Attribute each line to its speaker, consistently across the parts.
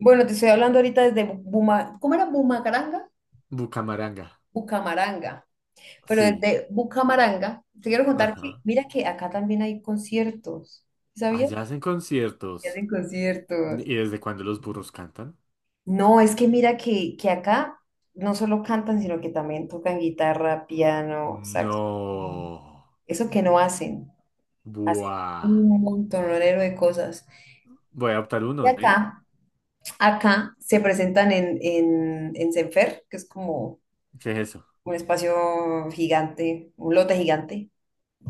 Speaker 1: Bueno, te estoy hablando ahorita desde Buma, ¿cómo era Bumacaranga?
Speaker 2: Bucamaranga.
Speaker 1: Bucamaranga. Pero
Speaker 2: Sí.
Speaker 1: desde Bucamaranga, te quiero contar que,
Speaker 2: Ajá.
Speaker 1: mira que acá también hay conciertos, ¿sí, sabías?
Speaker 2: Allá hacen
Speaker 1: Que
Speaker 2: conciertos.
Speaker 1: hacen conciertos.
Speaker 2: ¿Y desde cuándo los burros cantan?
Speaker 1: No, es que mira que, acá no solo cantan, sino que también tocan guitarra, piano, saxo.
Speaker 2: No.
Speaker 1: Eso que no hacen, hacen
Speaker 2: Buah.
Speaker 1: un montonero de cosas.
Speaker 2: Voy a optar
Speaker 1: Y
Speaker 2: uno, ¿eh?
Speaker 1: acá se presentan en, Senfer, que es como
Speaker 2: ¿Qué es eso?
Speaker 1: un espacio gigante, un lote gigante.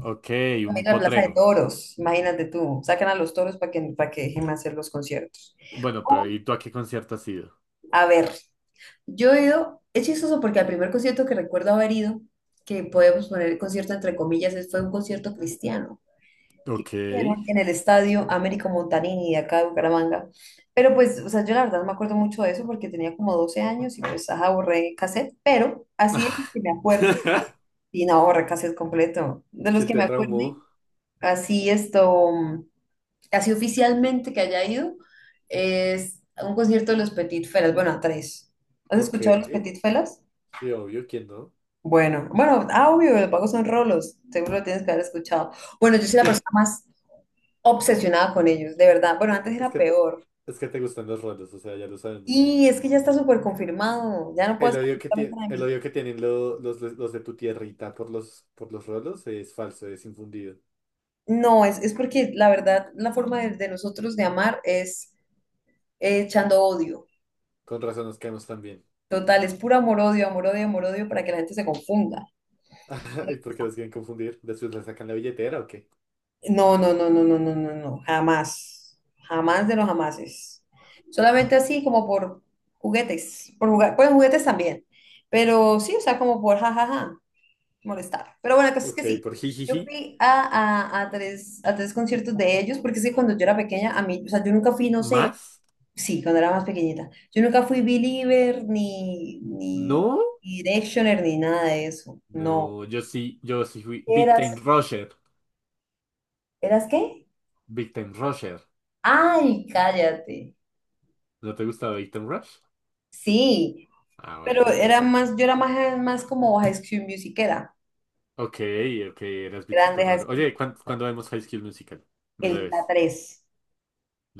Speaker 2: Ok,
Speaker 1: También
Speaker 2: un
Speaker 1: la Plaza de
Speaker 2: potrero.
Speaker 1: Toros, imagínate tú, sacan a los toros para que dejen hacer los conciertos.
Speaker 2: Bueno, pero
Speaker 1: O,
Speaker 2: ¿y tú a qué concierto has ido?
Speaker 1: A ver, yo he ido, es chistoso porque al primer concierto que recuerdo haber ido, que podemos poner el concierto entre comillas, fue un concierto cristiano que
Speaker 2: Ok.
Speaker 1: hicieron en el estadio Américo Montanini de acá de Bucaramanga. Pero pues, o sea, yo la verdad no me acuerdo mucho de eso porque tenía como 12 años y pues, ajá, borré cassette, pero así es que me acuerdo. Y no, Borracas es completo. De los
Speaker 2: ¿Quién
Speaker 1: que
Speaker 2: te
Speaker 1: me acuerde,
Speaker 2: traumó?
Speaker 1: así esto, así oficialmente que haya ido, es a un concierto de los Petit Felas, bueno, a tres. ¿Has
Speaker 2: Ok.
Speaker 1: escuchado a los Petit Felas?
Speaker 2: Sí, obvio, ¿quién no?
Speaker 1: Bueno, bueno, ah, obvio, los pagos son rolos, seguro lo tienes que haber escuchado. Bueno, yo soy la persona más obsesionada con ellos, de verdad. Bueno, antes
Speaker 2: Es
Speaker 1: era
Speaker 2: que te,
Speaker 1: peor.
Speaker 2: es que te gustan los roles, o sea, ya lo sabemos.
Speaker 1: Y es que ya está súper confirmado, ya no puedo
Speaker 2: El
Speaker 1: hacer
Speaker 2: odio que
Speaker 1: absolutamente
Speaker 2: tiene
Speaker 1: nada de
Speaker 2: el
Speaker 1: mí.
Speaker 2: odio que tienen de los de tu tierrita por los rolos es falso, es infundido.
Speaker 1: No, es porque la verdad, la forma de nosotros de amar es echando odio.
Speaker 2: Con razón nos caemos también.
Speaker 1: Total, es puro amor-odio, amor-odio, amor-odio para que la gente se confunda.
Speaker 2: ¿Y por qué los quieren confundir? ¿Después le sacan la billetera o qué?
Speaker 1: No, no, no, no, no, no, no, no, jamás, jamás de los jamases. Solamente así como por juguetes, por jugar, pues juguetes también, pero sí, o sea, como por jajaja, molestar. Pero bueno, la cosa es que
Speaker 2: Ok,
Speaker 1: sí,
Speaker 2: por
Speaker 1: yo
Speaker 2: jijiji.
Speaker 1: fui a tres conciertos de ellos, porque es que cuando yo era pequeña, a mí, o sea, yo nunca fui, no sé,
Speaker 2: ¿Más?
Speaker 1: sí, cuando era más pequeñita, yo nunca fui believer, ni, ni,
Speaker 2: No.
Speaker 1: ni Directioner, ni nada de eso, no.
Speaker 2: No, yo sí fui Victim
Speaker 1: Eras,
Speaker 2: Rusher.
Speaker 1: ¿eras qué?
Speaker 2: Victim Rusher.
Speaker 1: Ay, cállate.
Speaker 2: ¿No te gustaba Victim Rush?
Speaker 1: Sí,
Speaker 2: Ah,
Speaker 1: pero
Speaker 2: bueno,
Speaker 1: era
Speaker 2: entonces
Speaker 1: más,
Speaker 2: sí.
Speaker 1: yo era más, más como High School Musicera,
Speaker 2: Ok, ok, eras
Speaker 1: grande
Speaker 2: bichito
Speaker 1: High
Speaker 2: raro.
Speaker 1: School,
Speaker 2: Oye, ¿cuándo vemos High School Musical? Me lo
Speaker 1: la
Speaker 2: debes.
Speaker 1: tres.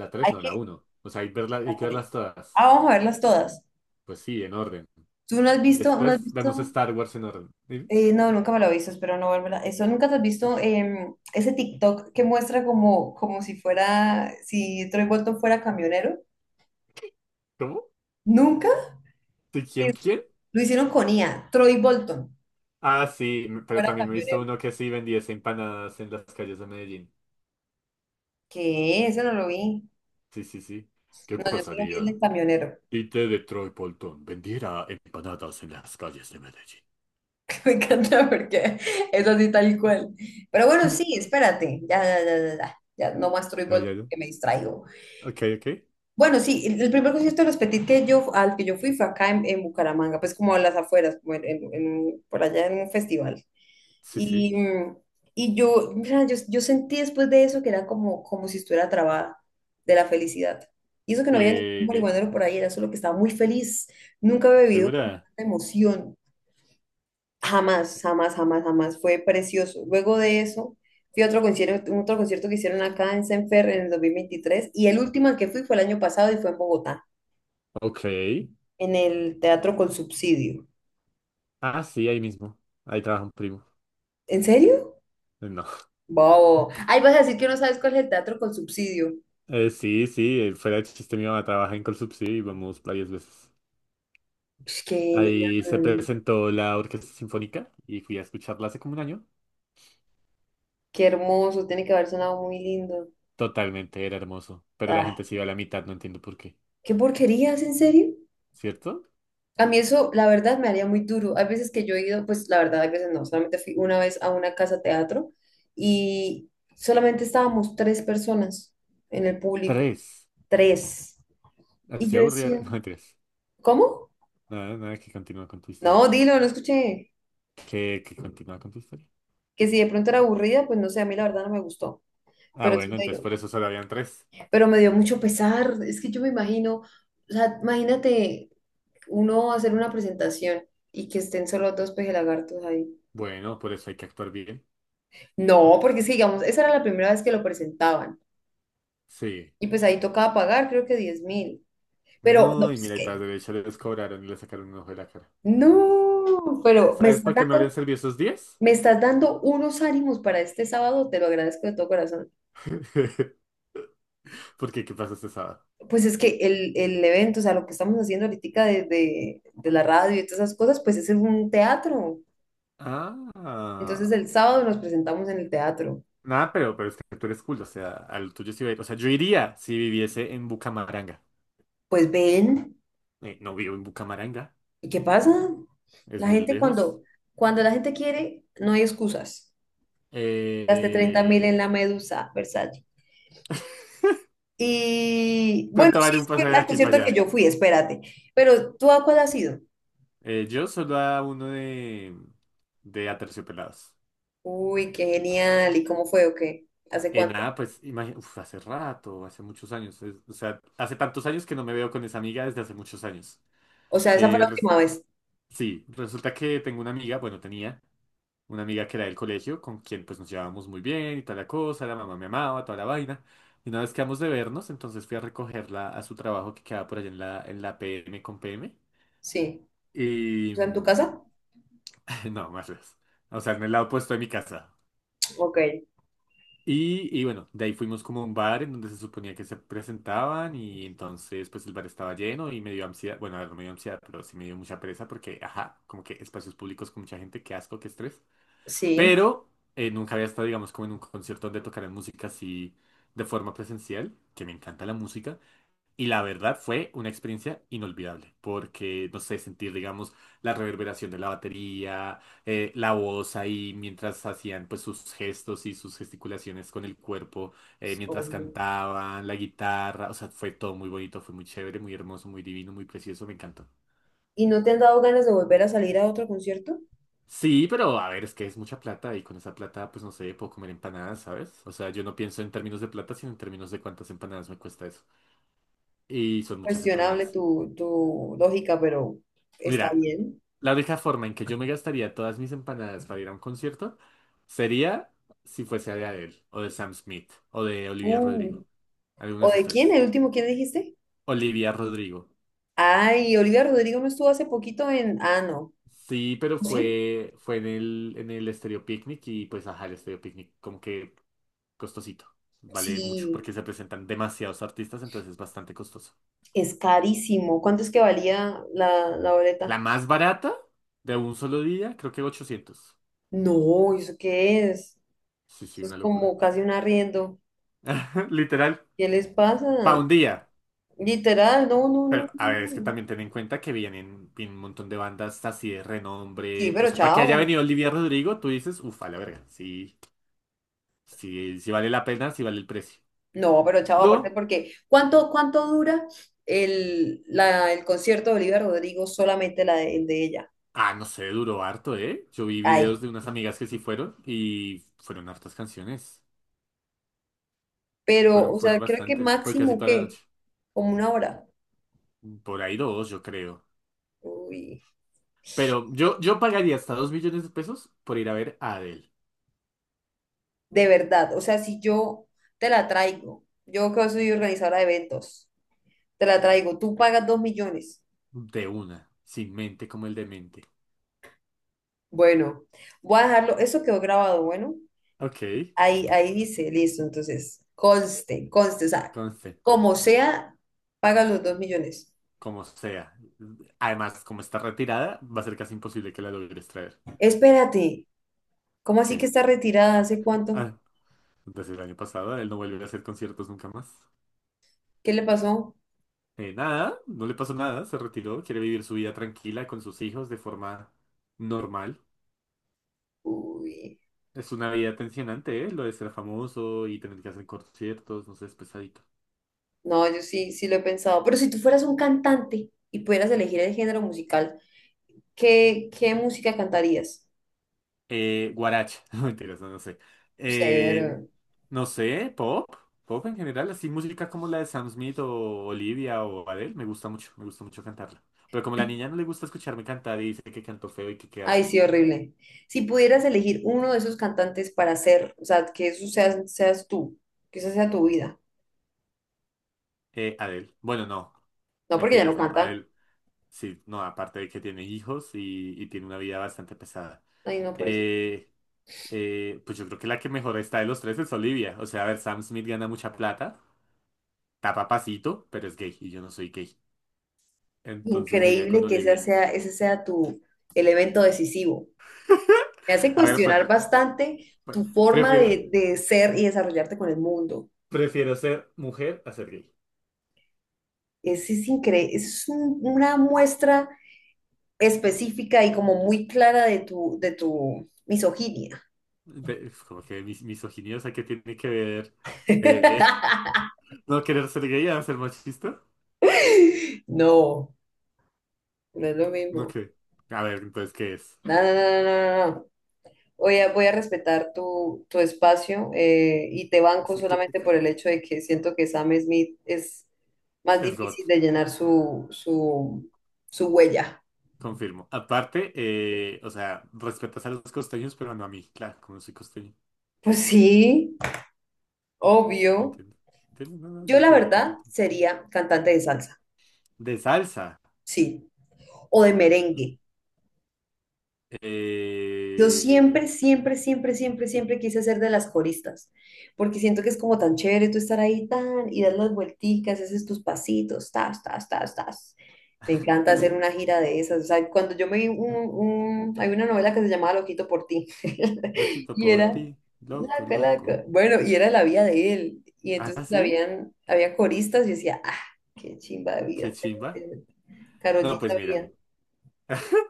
Speaker 2: La
Speaker 1: Hay
Speaker 2: 3 no, la
Speaker 1: que,
Speaker 2: uno. O sea, hay
Speaker 1: la
Speaker 2: que
Speaker 1: tres.
Speaker 2: verlas todas.
Speaker 1: Ah, vamos a verlas todas.
Speaker 2: Pues sí, en orden.
Speaker 1: ¿Tú no has
Speaker 2: Y
Speaker 1: visto, no has
Speaker 2: después vemos
Speaker 1: visto,
Speaker 2: Star Wars en orden.
Speaker 1: eh, no, nunca me lo he visto. Espero no volverla. Eso, ¿nunca te has visto ese TikTok que muestra como si Troy Bolton fuera camionero?
Speaker 2: ¿Cómo?
Speaker 1: ¿Nunca?
Speaker 2: ¿Sí, quién,
Speaker 1: Es-
Speaker 2: quién?
Speaker 1: Lo hicieron con IA, Troy Bolton
Speaker 2: Ah, sí, pero
Speaker 1: fuera
Speaker 2: también me he visto
Speaker 1: camionero.
Speaker 2: uno que sí vendía empanadas en las calles de Medellín.
Speaker 1: ¿Qué? Eso no lo vi.
Speaker 2: Sí, sí, sí. ¿Qué
Speaker 1: No, yo solo vi el
Speaker 2: pasaría
Speaker 1: del camionero,
Speaker 2: si T de Troy Bolton vendiera empanadas en las calles de Medellín?
Speaker 1: que me encanta porque es así tal cual. Pero bueno, sí, espérate, ya, ya, ya, ya, ya, ya no muestro
Speaker 2: Ya,
Speaker 1: igual
Speaker 2: ya, ya.
Speaker 1: porque me distraigo.
Speaker 2: Ok, ok.
Speaker 1: Bueno, sí, el primer concierto de los Petit que yo, al que yo fui fue acá en Bucaramanga, pues como a las afueras, como en por allá en un festival.
Speaker 2: Sí, sí.
Speaker 1: Y, mm, y yo, mira, yo sentí después de eso que era como si estuviera trabada de la felicidad. Y eso que no había ningún
Speaker 2: Eh,
Speaker 1: marihuanero por ahí, era solo que estaba muy feliz. Nunca había vivido como
Speaker 2: ¿Segura?
Speaker 1: tanta emoción. Jamás, jamás, jamás, jamás. Fue precioso. Luego de eso, fui a otro concierto que hicieron acá en Senfer en el 2023, y el último al que fui fue el año pasado y fue en Bogotá,
Speaker 2: Ok.
Speaker 1: en el Teatro con Subsidio.
Speaker 2: Ah, sí, ahí mismo. Ahí trabaja un primo.
Speaker 1: ¿En serio?
Speaker 2: No.
Speaker 1: Wow. Ay, vas a decir que no sabes cuál es el Teatro con Subsidio.
Speaker 2: Sí, sí, fuera de chiste, mi mamá trabaja en Colsubsidio y vamos varias veces.
Speaker 1: Ush, qué
Speaker 2: Ahí se
Speaker 1: genial.
Speaker 2: presentó la Orquesta Sinfónica y fui a escucharla hace como un año.
Speaker 1: Qué hermoso. Tiene que haber sonado muy lindo.
Speaker 2: Totalmente, era hermoso. Pero la
Speaker 1: Ah,
Speaker 2: gente se iba a la mitad, no entiendo por qué.
Speaker 1: qué porquerías, ¿en serio?
Speaker 2: ¿Cierto?
Speaker 1: A mí eso, la verdad, me haría muy duro. Hay veces que yo he ido, pues la verdad, hay veces no, solamente fui una vez a una casa teatro y solamente estábamos tres personas en el público,
Speaker 2: Tres.
Speaker 1: tres. Y
Speaker 2: Así
Speaker 1: yo
Speaker 2: aburrida.
Speaker 1: decía,
Speaker 2: No, mentiras.
Speaker 1: ¿cómo?
Speaker 2: Nada, nada, que continúa con tu historia.
Speaker 1: No, dilo, no escuché.
Speaker 2: ¿Qué? ¿Que continúa con tu historia?
Speaker 1: Que si de pronto era aburrida, pues no sé, a mí la verdad no me gustó,
Speaker 2: Ah,
Speaker 1: pero sí
Speaker 2: bueno,
Speaker 1: me
Speaker 2: entonces
Speaker 1: dio,
Speaker 2: por eso solo habían tres.
Speaker 1: pero me dio mucho pesar. Es que yo me imagino, o sea, imagínate uno hacer una presentación y que estén solo dos pejelagartos ahí.
Speaker 2: Bueno, por eso hay que actuar bien.
Speaker 1: No, porque sí, digamos, esa era la primera vez que lo presentaban.
Speaker 2: Sí.
Speaker 1: Y pues ahí tocaba pagar, creo que 10.000. Pero, no,
Speaker 2: No, y
Speaker 1: es
Speaker 2: mira, y tras
Speaker 1: que,
Speaker 2: derecho les cobraron y le sacaron un ojo de la cara.
Speaker 1: no, pero me
Speaker 2: ¿Sabes
Speaker 1: estás
Speaker 2: para qué me habrían
Speaker 1: dando,
Speaker 2: servido esos 10?
Speaker 1: me estás dando unos ánimos para este sábado, te lo agradezco de todo corazón.
Speaker 2: Porque, ¿qué pasa este sábado?
Speaker 1: Pues es que el evento, o sea, lo que estamos haciendo ahorita de la radio y todas esas cosas, pues es en un teatro. Entonces
Speaker 2: Ah.
Speaker 1: el sábado nos presentamos en el teatro.
Speaker 2: Nada, pero es que tú eres cool, o sea, al tuyo sí va a ir. O sea, yo iría si viviese en Bucamaranga.
Speaker 1: Pues ven,
Speaker 2: No vivo en Bucamaranga,
Speaker 1: ¿y qué pasa?
Speaker 2: es
Speaker 1: La
Speaker 2: muy
Speaker 1: gente
Speaker 2: lejos.
Speaker 1: cuando, cuando la gente quiere, no hay excusas. Gasté 30.000 en
Speaker 2: Eh,
Speaker 1: la medusa. Y bueno,
Speaker 2: ¿Cuánto
Speaker 1: sí,
Speaker 2: vale un
Speaker 1: fue
Speaker 2: pasaje de
Speaker 1: al
Speaker 2: aquí para
Speaker 1: concierto que
Speaker 2: allá?
Speaker 1: yo fui, espérate. Pero ¿tú a cuál has ido?
Speaker 2: Yo solo a uno de Aterciopelados.
Speaker 1: Uy, qué genial. ¿Y cómo fue o qué? ¿Hace cuánto?
Speaker 2: Nada, pues uf, hace rato, hace muchos años. O sea, hace tantos años que no me veo con esa amiga desde hace muchos años.
Speaker 1: O sea, esa fue
Speaker 2: Eh,
Speaker 1: la
Speaker 2: res-
Speaker 1: última vez.
Speaker 2: sí, resulta que tengo una amiga, bueno, tenía. Una amiga que era del colegio, con quien pues nos llevábamos muy bien y toda la cosa, la mamá me amaba, toda la vaina. Y una vez quedamos de vernos, entonces fui a recogerla a su trabajo que quedaba por allá en la PM con PM.
Speaker 1: Sí. O
Speaker 2: Y...
Speaker 1: sea, ¿en tu casa?
Speaker 2: No, más lejos. O sea, en el lado opuesto de mi casa.
Speaker 1: Ok.
Speaker 2: Y bueno, de ahí fuimos como a un bar en donde se suponía que se presentaban y entonces pues el bar estaba lleno y me dio ansiedad, bueno, a ver, no me dio ansiedad, pero sí me dio mucha pereza porque, ajá, como que espacios públicos con mucha gente, qué asco, qué estrés.
Speaker 1: Sí.
Speaker 2: Pero nunca había estado, digamos, como en un concierto donde tocaran música así de forma presencial, que me encanta la música. Y la verdad fue una experiencia inolvidable, porque, no sé, sentir, digamos, la reverberación de la batería, la voz ahí mientras hacían pues sus gestos y sus gesticulaciones con el cuerpo, mientras
Speaker 1: Obvio.
Speaker 2: cantaban, la guitarra, o sea, fue todo muy bonito, fue muy chévere, muy hermoso, muy divino, muy precioso, me encantó.
Speaker 1: ¿Y no te han dado ganas de volver a salir a otro concierto?
Speaker 2: Sí, pero a ver, es que es mucha plata y con esa plata, pues no sé, puedo comer empanadas, ¿sabes? O sea, yo no pienso en términos de plata, sino en términos de cuántas empanadas me cuesta eso. Y son muchas
Speaker 1: Cuestionable
Speaker 2: empanadas.
Speaker 1: tu lógica, pero está
Speaker 2: Mira,
Speaker 1: bien.
Speaker 2: la única forma en que yo me gastaría todas mis empanadas para ir a un concierto sería si fuese de Adele, o de Sam Smith, o de Olivia
Speaker 1: Uh,
Speaker 2: Rodrigo. Alguno de
Speaker 1: ¿o
Speaker 2: esos
Speaker 1: de quién?
Speaker 2: tres.
Speaker 1: ¿El último quién dijiste?
Speaker 2: Olivia Rodrigo.
Speaker 1: Ay, Olivia Rodrigo no estuvo hace poquito en. Ah, no.
Speaker 2: Sí, pero
Speaker 1: ¿Sí?
Speaker 2: fue en el Estéreo Picnic y pues ajá, el Estéreo Picnic como que costosito. Vale mucho
Speaker 1: Sí,
Speaker 2: porque se presentan demasiados artistas, entonces es bastante costoso.
Speaker 1: es carísimo. ¿Cuánto es que valía la
Speaker 2: La
Speaker 1: boleta?
Speaker 2: más barata de un solo día, creo que 800.
Speaker 1: No, ¿eso qué es?
Speaker 2: Sí, sí,
Speaker 1: Eso es
Speaker 2: una locura.
Speaker 1: como casi un arriendo.
Speaker 2: Literal,
Speaker 1: ¿Qué les
Speaker 2: pa'
Speaker 1: pasa?
Speaker 2: un día.
Speaker 1: Literal, no, no,
Speaker 2: Pero,
Speaker 1: no,
Speaker 2: a ver, es que
Speaker 1: no.
Speaker 2: también ten en cuenta que vienen un montón de bandas así de
Speaker 1: Sí,
Speaker 2: renombre. O
Speaker 1: pero
Speaker 2: sea, para que haya
Speaker 1: chao.
Speaker 2: venido Olivia Rodrigo, tú dices, ufa, la verga. Sí, sí, sí vale la pena, sí vale el precio.
Speaker 1: No, pero chao, aparte
Speaker 2: Yo,
Speaker 1: porque ¿cuánto dura el concierto de Olivia Rodrigo? Solamente el de ella.
Speaker 2: no sé, duró harto, ¿eh? Yo vi videos
Speaker 1: Ay,
Speaker 2: de unas amigas que sí fueron y fueron hartas canciones.
Speaker 1: pero,
Speaker 2: Fueron,
Speaker 1: o
Speaker 2: fueron
Speaker 1: sea, creo que
Speaker 2: bastantes. Fue casi
Speaker 1: máximo,
Speaker 2: toda la noche.
Speaker 1: ¿qué? Como una hora.
Speaker 2: Por ahí dos, yo creo.
Speaker 1: Uy,
Speaker 2: Pero yo pagaría hasta 2 millones de pesos por ir a ver a Adele.
Speaker 1: de verdad. O sea, si yo te la traigo, yo que soy organizadora de eventos. Te la traigo. Tú pagas 2 millones.
Speaker 2: De una. Sin mente como el demente.
Speaker 1: Bueno, voy a dejarlo. Eso quedó grabado, bueno.
Speaker 2: Ok.
Speaker 1: Ahí dice, listo. Entonces, conste, conste. O sea,
Speaker 2: Conste.
Speaker 1: como sea, paga los 2 millones.
Speaker 2: Como sea. Además, como está retirada, va a ser casi imposible que la logres traer.
Speaker 1: Espérate. ¿Cómo así que
Speaker 2: Que,
Speaker 1: está retirada? ¿Hace cuánto?
Speaker 2: ah, Desde el año pasado, él no vuelve a hacer conciertos nunca más.
Speaker 1: ¿Qué le pasó?
Speaker 2: Nada, no le pasó nada, se retiró, quiere vivir su vida tranquila con sus hijos de forma normal.
Speaker 1: Uy,
Speaker 2: Es una vida tensionante, ¿eh? Lo de ser famoso y tener que hacer conciertos, no sé, es pesadito.
Speaker 1: no, yo sí, sí lo he pensado. Pero si tú fueras un cantante y pudieras elegir el género musical, ¿qué música cantarías?
Speaker 2: Guaracha, no mentiras, no, no sé. Eh,
Speaker 1: Severo.
Speaker 2: no sé, pop en general, así música como la de Sam Smith o Olivia o Adele, me gusta mucho cantarla. Pero como la niña no le gusta escucharme cantar y dice que canto feo y que qué
Speaker 1: Ay,
Speaker 2: asco.
Speaker 1: sí, horrible. Si pudieras elegir uno de esos cantantes para ser, o sea, que eso seas tú, que esa sea tu vida.
Speaker 2: Adele, bueno, no,
Speaker 1: No porque ya no
Speaker 2: mentiras, no,
Speaker 1: canta.
Speaker 2: Adele, sí, no, aparte de que tiene hijos y tiene una vida bastante pesada.
Speaker 1: Ay, no, por eso.
Speaker 2: Eh, pues yo creo que la que mejor está de los tres es Olivia. O sea, a ver, Sam Smith gana mucha plata, está papacito, pero es gay y yo no soy gay. Entonces me iría con
Speaker 1: Increíble que esa
Speaker 2: Olivia.
Speaker 1: sea, ese sea tu elemento decisivo. Me hace
Speaker 2: A ver,
Speaker 1: cuestionar bastante
Speaker 2: pre-
Speaker 1: tu forma
Speaker 2: prefiero,
Speaker 1: de ser y desarrollarte con el mundo.
Speaker 2: prefiero ser mujer a ser gay.
Speaker 1: Ese es increíble, es una muestra específica y como muy clara de tu misoginia.
Speaker 2: Es como que misoginia, o sea, ¿qué tiene que ver eh, no querer ser gay a ser machista?
Speaker 1: No, no es lo
Speaker 2: No
Speaker 1: mismo.
Speaker 2: que. A ver, entonces, ¿qué es?
Speaker 1: No, no, no, no, no, no, no. Voy a respetar tu espacio, y te banco
Speaker 2: Sí,
Speaker 1: solamente por el hecho de que siento que Sam Smith es más
Speaker 2: es God,
Speaker 1: difícil de llenar su, su huella.
Speaker 2: confirmo. Aparte, o sea, respetas a los costeños, pero no a mí, claro, como soy costeño.
Speaker 1: Pues sí, obvio.
Speaker 2: Entiendo. Entiendo, no, no, lo
Speaker 1: Yo la
Speaker 2: entiendo
Speaker 1: verdad
Speaker 2: completamente.
Speaker 1: sería cantante de salsa,
Speaker 2: De salsa.
Speaker 1: sí, o de merengue. Yo
Speaker 2: Eh,
Speaker 1: siempre, siempre, siempre, siempre, siempre quise ser de las coristas, porque siento que es como tan chévere tú estar ahí tan y dar las vuelticas, haces tus pasitos, tas, tas, tas, tas. Me encanta hacer una gira de esas. O sea, cuando yo me vi hay una novela que se llamaba Loquito por ti
Speaker 2: Loquito
Speaker 1: y
Speaker 2: por ti.
Speaker 1: era
Speaker 2: Loco,
Speaker 1: laca,
Speaker 2: loco.
Speaker 1: laca. Bueno, y era la vida de él. Y
Speaker 2: Ah,
Speaker 1: entonces
Speaker 2: sí.
Speaker 1: había coristas y decía, ah, qué chimba de
Speaker 2: Qué
Speaker 1: vida.
Speaker 2: chimba.
Speaker 1: Karol
Speaker 2: No,
Speaker 1: G
Speaker 2: pues mira.
Speaker 1: sabía,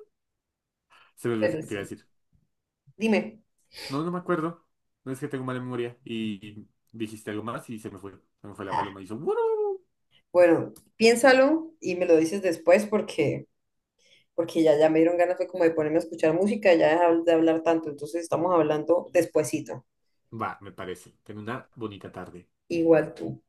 Speaker 2: Se me olvidó
Speaker 1: pero
Speaker 2: que te iba a
Speaker 1: sí.
Speaker 2: decir.
Speaker 1: Dime.
Speaker 2: No, no me acuerdo. No es que tengo mala memoria. Y dijiste algo más y se me fue. Se me fue la paloma y hizo "Wurru".
Speaker 1: Bueno, piénsalo y me lo dices después porque ya, ya me dieron ganas fue como de ponerme a escuchar música, y ya dejar de hablar tanto, entonces estamos hablando despuesito.
Speaker 2: Va, me parece. Ten una bonita tarde.
Speaker 1: Igual tú.